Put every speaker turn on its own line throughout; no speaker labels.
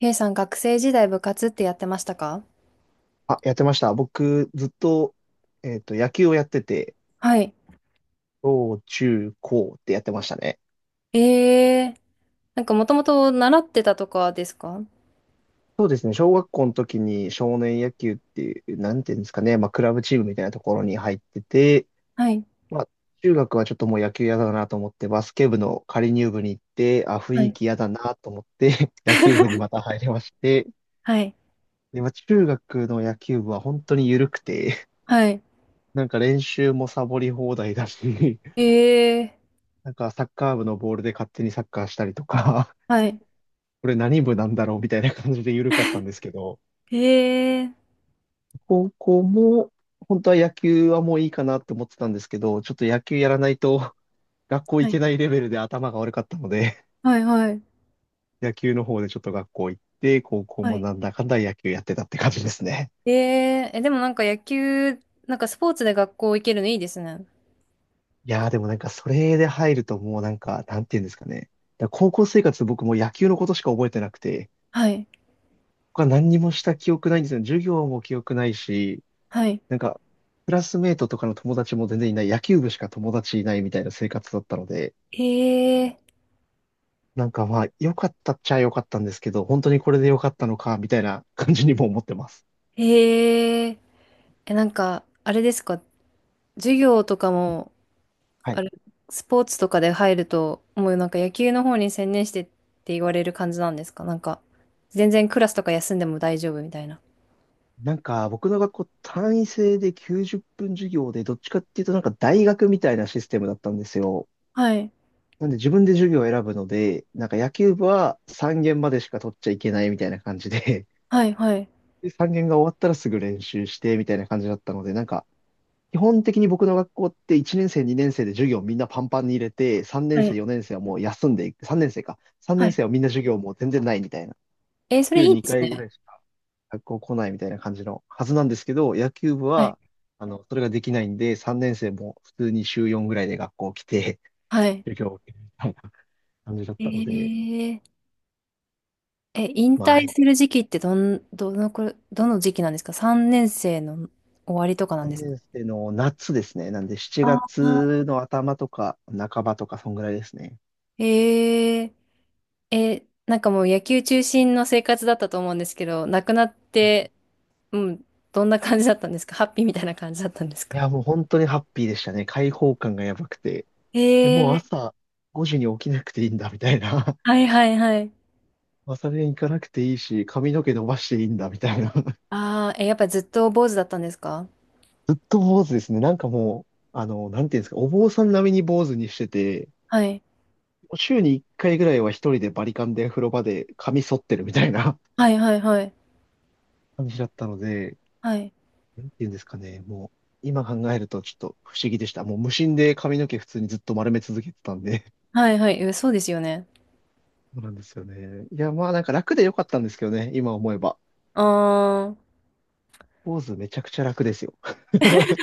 K さん学生時代部活ってやってましたか？
あ、やってました。僕、ずっと、野球をやってて、
はい。
小中高ってやってましたね。
ええー、なんかもともと習ってたとかですか？
そうですね。小学校の時に少年野球っていう、なんていうんですかね。まあ、クラブチームみたいなところに入ってて、
はい。
まあ、中学はちょっともう野球嫌だなと思って、バスケ部の仮入部に行って、あ、雰
は
囲
い。
気嫌だなと思って、野球部にまた入りまして、
はい。
で、まあ、中学の野球部は本当に緩くて、
はい。
なんか練習もサボり放題だし、
ええ
なんかサッカー部のボールで勝手にサッカーしたりとか、
ー、はい。
これ何部なんだろうみたいな感じで緩かったんですけど、
ええー、
高校も本当は野球はもういいかなって思ってたんですけど、ちょっと野球やらないと 学校
は
行
い。
けないレベルで頭が悪かったので、
はい。はい。
野球の方でちょっと学校行って、高校
は
も
い。
なんだかんだ野球やってたって感じですね。
ええー、え、でもなんか野球、なんかスポーツで学校行けるのいいですね。
いやーでもなんかそれで入るともうなんか、なんていうんですかね。だから高校生活僕もう野球のことしか覚えてなくて、
はい。
他何にもした記憶ないんですよ。授業も記憶ないし、
はい。
なんか、クラスメイトとかの友達も全然いない、野球部しか友達いないみたいな生活だったので、
ええ
なんかまあ、良かったっちゃ良かったんですけど、本当にこれで良かったのか、みたいな感じにも思ってます。
ー、ええー、え、なんか、あれですか？授業とかも、
は
あ
い。
れ、スポーツとかで入ると、もうなんか野球の方に専念してって言われる感じなんですか？全然クラスとか休んでも大丈夫みたいな。
なんか、僕の学校単位制で90分授業で、どっちかっていうとなんか大学みたいなシステムだったんですよ。
はい。
なんで自分で授業を選ぶので、なんか野球部は3限までしか取っちゃいけないみたいな感じで、
はい、はい。
で、3限が終わったらすぐ練習してみたいな感じだったので、なんか基本的に僕の学校って1年生、2年生で授業みんなパンパンに入れて、3
は
年生、
い、
4年生はもう休んでいく、3年生か。3
は
年
い。
生はみんな授業もう全然ないみたいな。
えー、それ
週
いいで
2
す
回ぐら
ね。
いしか学校来ないみたいな感じのはずなんですけど、野球部
はい。
は、それができないんで、3年生も普通に週4ぐらいで学校来て、
はい。
授業を受けるみたいな感じだっ
え
たので、
ー、引
まあ、
退する時期ってどのくら、どの時期なんですか？ 3 年生の終わりとかなんで
3
すか？
年生の夏ですね。なんで7
ああ
月の頭とか半ばとか、そんぐらいですね。
ー、なんかもう野球中心の生活だったと思うんですけど、亡くなって、うん、どんな感じだったんですか？ハッピーみたいな感じだったんです
い
か？
や、もう本当にハッピーでしたね。開放感がやばくて。でもう
ええ。
朝5時に起きなくていいんだ、みたいな。
はいはいはい。
朝練行かなくていいし、髪の毛伸ばしていいんだ、みたいな。
ああ、え、やっぱずっと坊主だったんですか？
ずっと坊主ですね。なんかもう、なんていうんですか、お坊さん並みに坊主にしてて、
はい。
週に1回ぐらいは一人でバリカンで風呂場で髪剃ってるみたいな
はいはいはい。
感じだったので、
はい。
なんていうんですかね、もう、今考えるとちょっと不思議でした。もう無心で髪の毛普通にずっと丸め続けてたんで
はいはい。え、そうですよね。
そうなんですよね。いや、まあなんか楽で良かったんですけどね、今思えば。
あー、
ポーズめちゃくちゃ楽ですよ。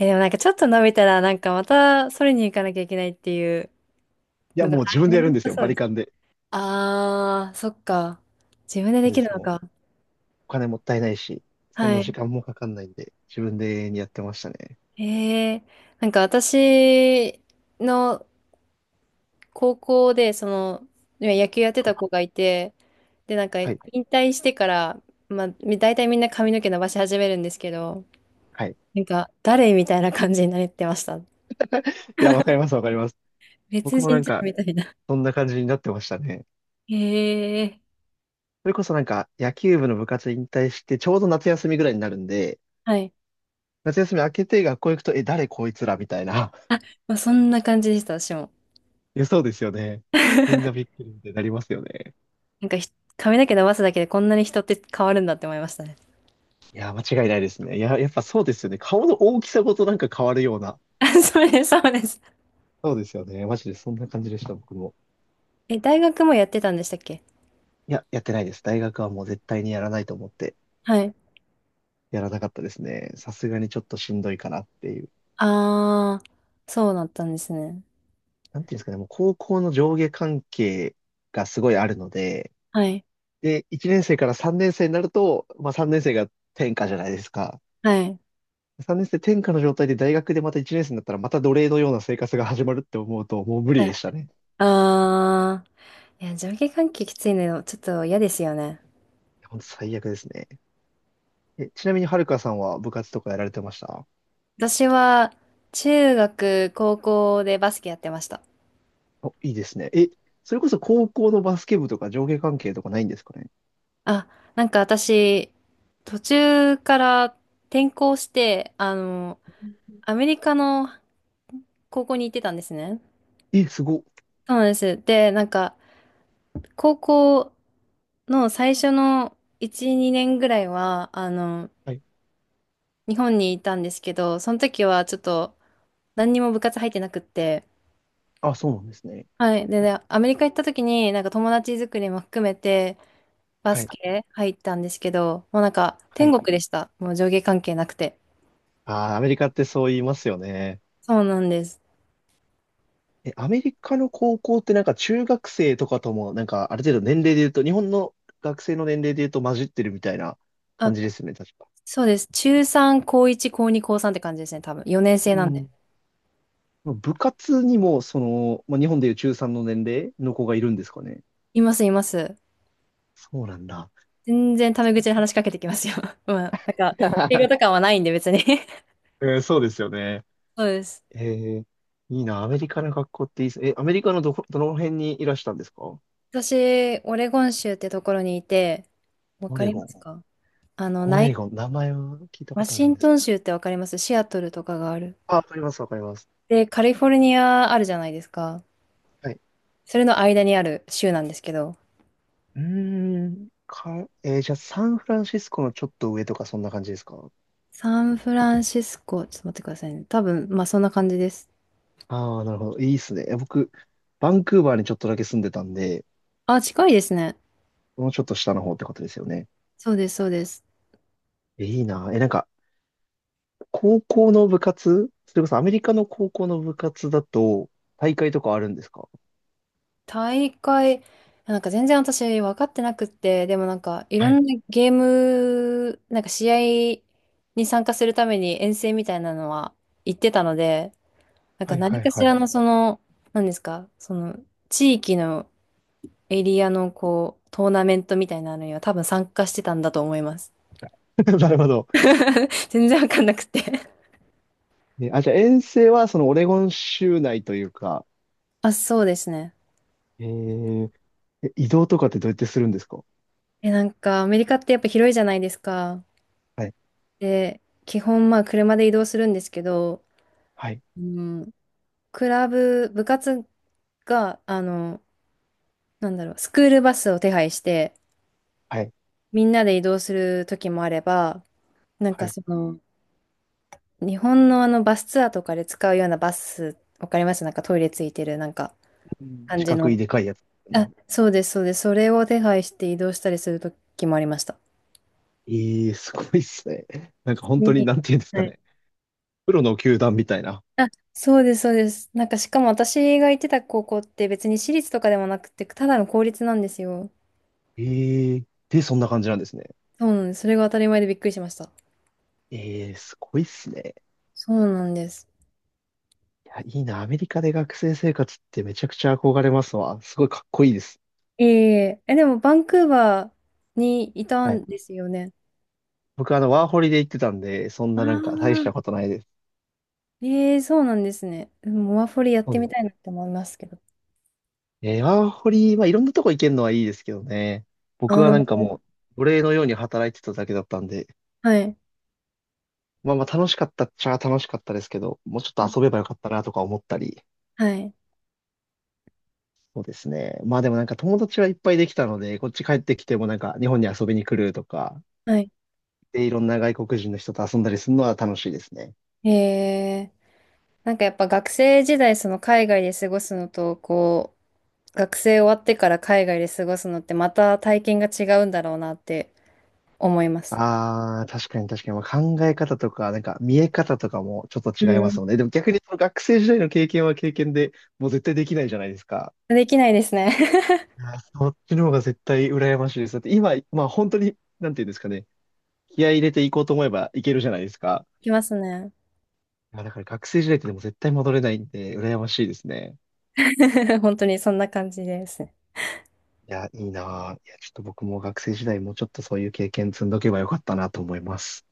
え、でもなんかちょっと伸びたら、なんかまたそれに行かなきゃいけないっていう
いや、
のが、
も
は
う自
い、
分で
め
や
ん
る
ど
ん
く
です
さ
よ、
そう
バ
で
リ
す。
カンで。
ああ、そっか。自分で
そ
で
うで
きる
す、
の
もう。
か。
お金もったいないし、そん
は
な時
い。
間もかかんないんで、自分でやってましたね。
ええ。なんか私の高校で、野球やって
は
た
い。
子がいて、で、なんか、
は
引
い。
退してから、大体みんな髪の毛伸ばし始めるんですけど、
はい。い
なんか、誰みたいな感じになってました。
や、わかります、わかります。
別
僕もな
人
ん
じゃん
か、
みたいな。
そんな感じになってましたね。
へえ。
それこそなんか、野球部の部活引退して、ちょうど夏休みぐらいになるんで、
はい。
夏休み明けて学校行くと、え、誰こいつらみたいな。
あ、まあ、そんな感じでした、私も。
いや、そうですよね。みんなびっくりってなりますよね。
なんかひ、髪の毛伸ばすだけでこんなに人って変わるんだって思いましたね。
いや、間違いないですね。いや、やっぱそうですよね。顔の大きさごとなんか変わるような。
あ、そうです、そうです。
そうですよね。マジでそんな感じでした、僕も。
え、大学もやってたんでしたっけ？
いや、やってないです。大学はもう絶対にやらないと思って、
はい。
やらなかったですね。さすがにちょっとしんどいかなっていう。
あー、そうだったんですね。
なんていうんですかね、もう高校の上下関係がすごいあるので、
はい。
で、1年生から3年生になると、まあ3年生が転科じゃないですか。
はい。
3年生転科の状態で大学でまた1年生になったらまた奴隷のような生活が始まるって思うと、もう無
は
理
い。
でしたね。
あー。いや、上下関係きついの、ちょっと嫌ですよね。
本当最悪ですね。え、ちなみにはるかさんは部活とかやられてました
私は、中学、高校でバスケやってました。
お、いいですね。え、それこそ高校のバスケ部とか上下関係とかないんですかね？
あ、なんか私、途中から転校して、あの、アメリカの高校に行ってたんですね。
え、すごっ。
そうなんです。で、なんか、高校の最初の1、2年ぐらいは、あの、
はい。
日本にいたんですけど、その時はちょっと、何にも部活入ってなくって、
あ、そうなんですね。
はい。でね、アメリカ行った時に、なんか友達作りも含めて、バ
は
ス
い。
ケ入ったんですけど、もうなんか
は
天
い。
国でした。もう上下関係なくて。
あー、アメリカってそう言いますよね。
そうなんです。
え、アメリカの高校ってなんか中学生とかともなんかある程度年齢で言うと、日本の学生の年齢で言うと混じってるみたいな感
あ、
じですよね、確か。
そうです。中3、高1、高2、高3って感じですね、多分。4年生
う
なんで。
ん。部活にも、その、まあ、日本でいう中3の年齢の子がいるんですかね。
います、います。
そうなんだ。
全然タメ口で話しかけてきますよ。まあ、なんか、英語とか はないんで別に。
うん、そうですよね。
そうです。
ええ、いいな。アメリカの学校っていいです。え、アメリカのどこ、どの辺にいらしたんですか？
私、オレゴン州ってところにいて、わ
オ
か
レ
り
ゴ
ま
ン。
すか？あの、
オ
ない、
レゴン。名前は聞いたこ
ワ
とある
シ
ん
ン
です
ト
け
ン
ど。
州ってわかります？シアトルとかがある。
あ、わかります、わかります。
で、カリフォルニアあるじゃないですか。
はい。
それの間にある州なんですけど、
うーん。か、えー、じゃあ、サンフランシスコのちょっと上とか、そんな感じですか？
サンフランシスコ、ちょっと待ってくださいね。多分、まあそんな感じです。
ああー、なるほど。いいっすね。え、僕、バンクーバーにちょっとだけ住んでたんで、
あ、近いですね。
もうちょっと下の方ってことですよね。
そうです、そうです。
え、いいな。え、なんか、高校の部活それこそアメリカの高校の部活だと、大会とかあるんですか？
大会、なんか全然私分かってなくって、でもなんかいろ
は
ん
い、
なゲーム、なんか試合に参加するために遠征みたいなのは行ってたので、なん
は
か
い、は
何
い、
かし
は
ら
い。
のその、何ですか、その地域のエリアのこう、トーナメントみたいなのには多分参加してたんだと思います。
なるほど。
全然分かんなくて。
ね、あ、じゃあ遠征はそのオレゴン州内というか、
あ、そうですね。
えー、え移動とかってどうやってするんですか？
え、なんか、アメリカってやっぱ広いじゃないですか。
はい、
で、基本、まあ、車で移動するんですけど、
はい、
うん、クラブ、部活が、あの、なんだろう、スクールバスを手配して、
はい、
みんなで移動する時もあれば、なん
は
か
い。
その、日本のあの、バスツアーとかで使うようなバス、わかります？なんかトイレついてる、なんか、
うん。
感
四
じ
角い
の。
でかいやつです
あ、
ね。
そうです、そうです。それを手配して移動したりする時もありました。
ええ、すごいっすね。なんか本当に、
に、
なんていうんですかね。プロの球団みたいな。
あ、そうです、そうです。なんか、しかも私が行ってた高校って別に私立とかでもなくて、ただの公立なんですよ。
ええ、で、そんな感じなんですね。
そうなんです。それが当たり前でびっくりしました。
ええ、すごいっすね。
そうなんです。
いや、いいな。アメリカで学生生活ってめちゃくちゃ憧れますわ。すごいかっこいいです。
ええ、え、でも、バンクーバーにいた
はい。
んですよね。
僕、ワーホリで行ってたんで、そん
あ
ななんか大したこ
あ。
とないです。
ええ、そうなんですね。でもモアフォリやっ
そ
て
うで
みたい
す。
なって思いますけど。
ワーホリ、まあ、いろんなとこ行けるのはいいですけどね。僕
あ
は
あ、
なんかもう、奴隷のように働いてただけだったんで、
はい。
まあまあ楽しかったっちゃ楽しかったですけど、もうちょっと遊べばよかったなとか思ったり、
はい。
そうですね。まあでもなんか友達はいっぱいできたので、こっち帰ってきてもなんか日本に遊びに来るとか、
はい。
で、いろんな外国人の人と遊んだりするのは楽しいですね。
ええ。なんかやっぱ学生時代、その海外で過ごすのと、こ、学生終わってから海外で過ごすのってまた体験が違うんだろうなって思います。
ああ、確かに確かに、まあ、考え方とか、なんか見え方とかもちょっと
う
違いますよ
ん。
ね。でも逆にその学生時代の経験は経験で、もう絶対できないじゃないですか。
できないですね。
いや、そっちの方が絶対羨ましいです。だって今、まあ本当に、なんていうんですかね、気合い入れていこうと思えばいけるじゃないですか。
できますね。
いや、だから学生時代ってでも絶対戻れないんで、羨ましいですね。
本当にそんな感じですね。
いや、いいなぁ。いや、ちょっと僕も学生時代もうちょっとそういう経験積んどけばよかったなと思います。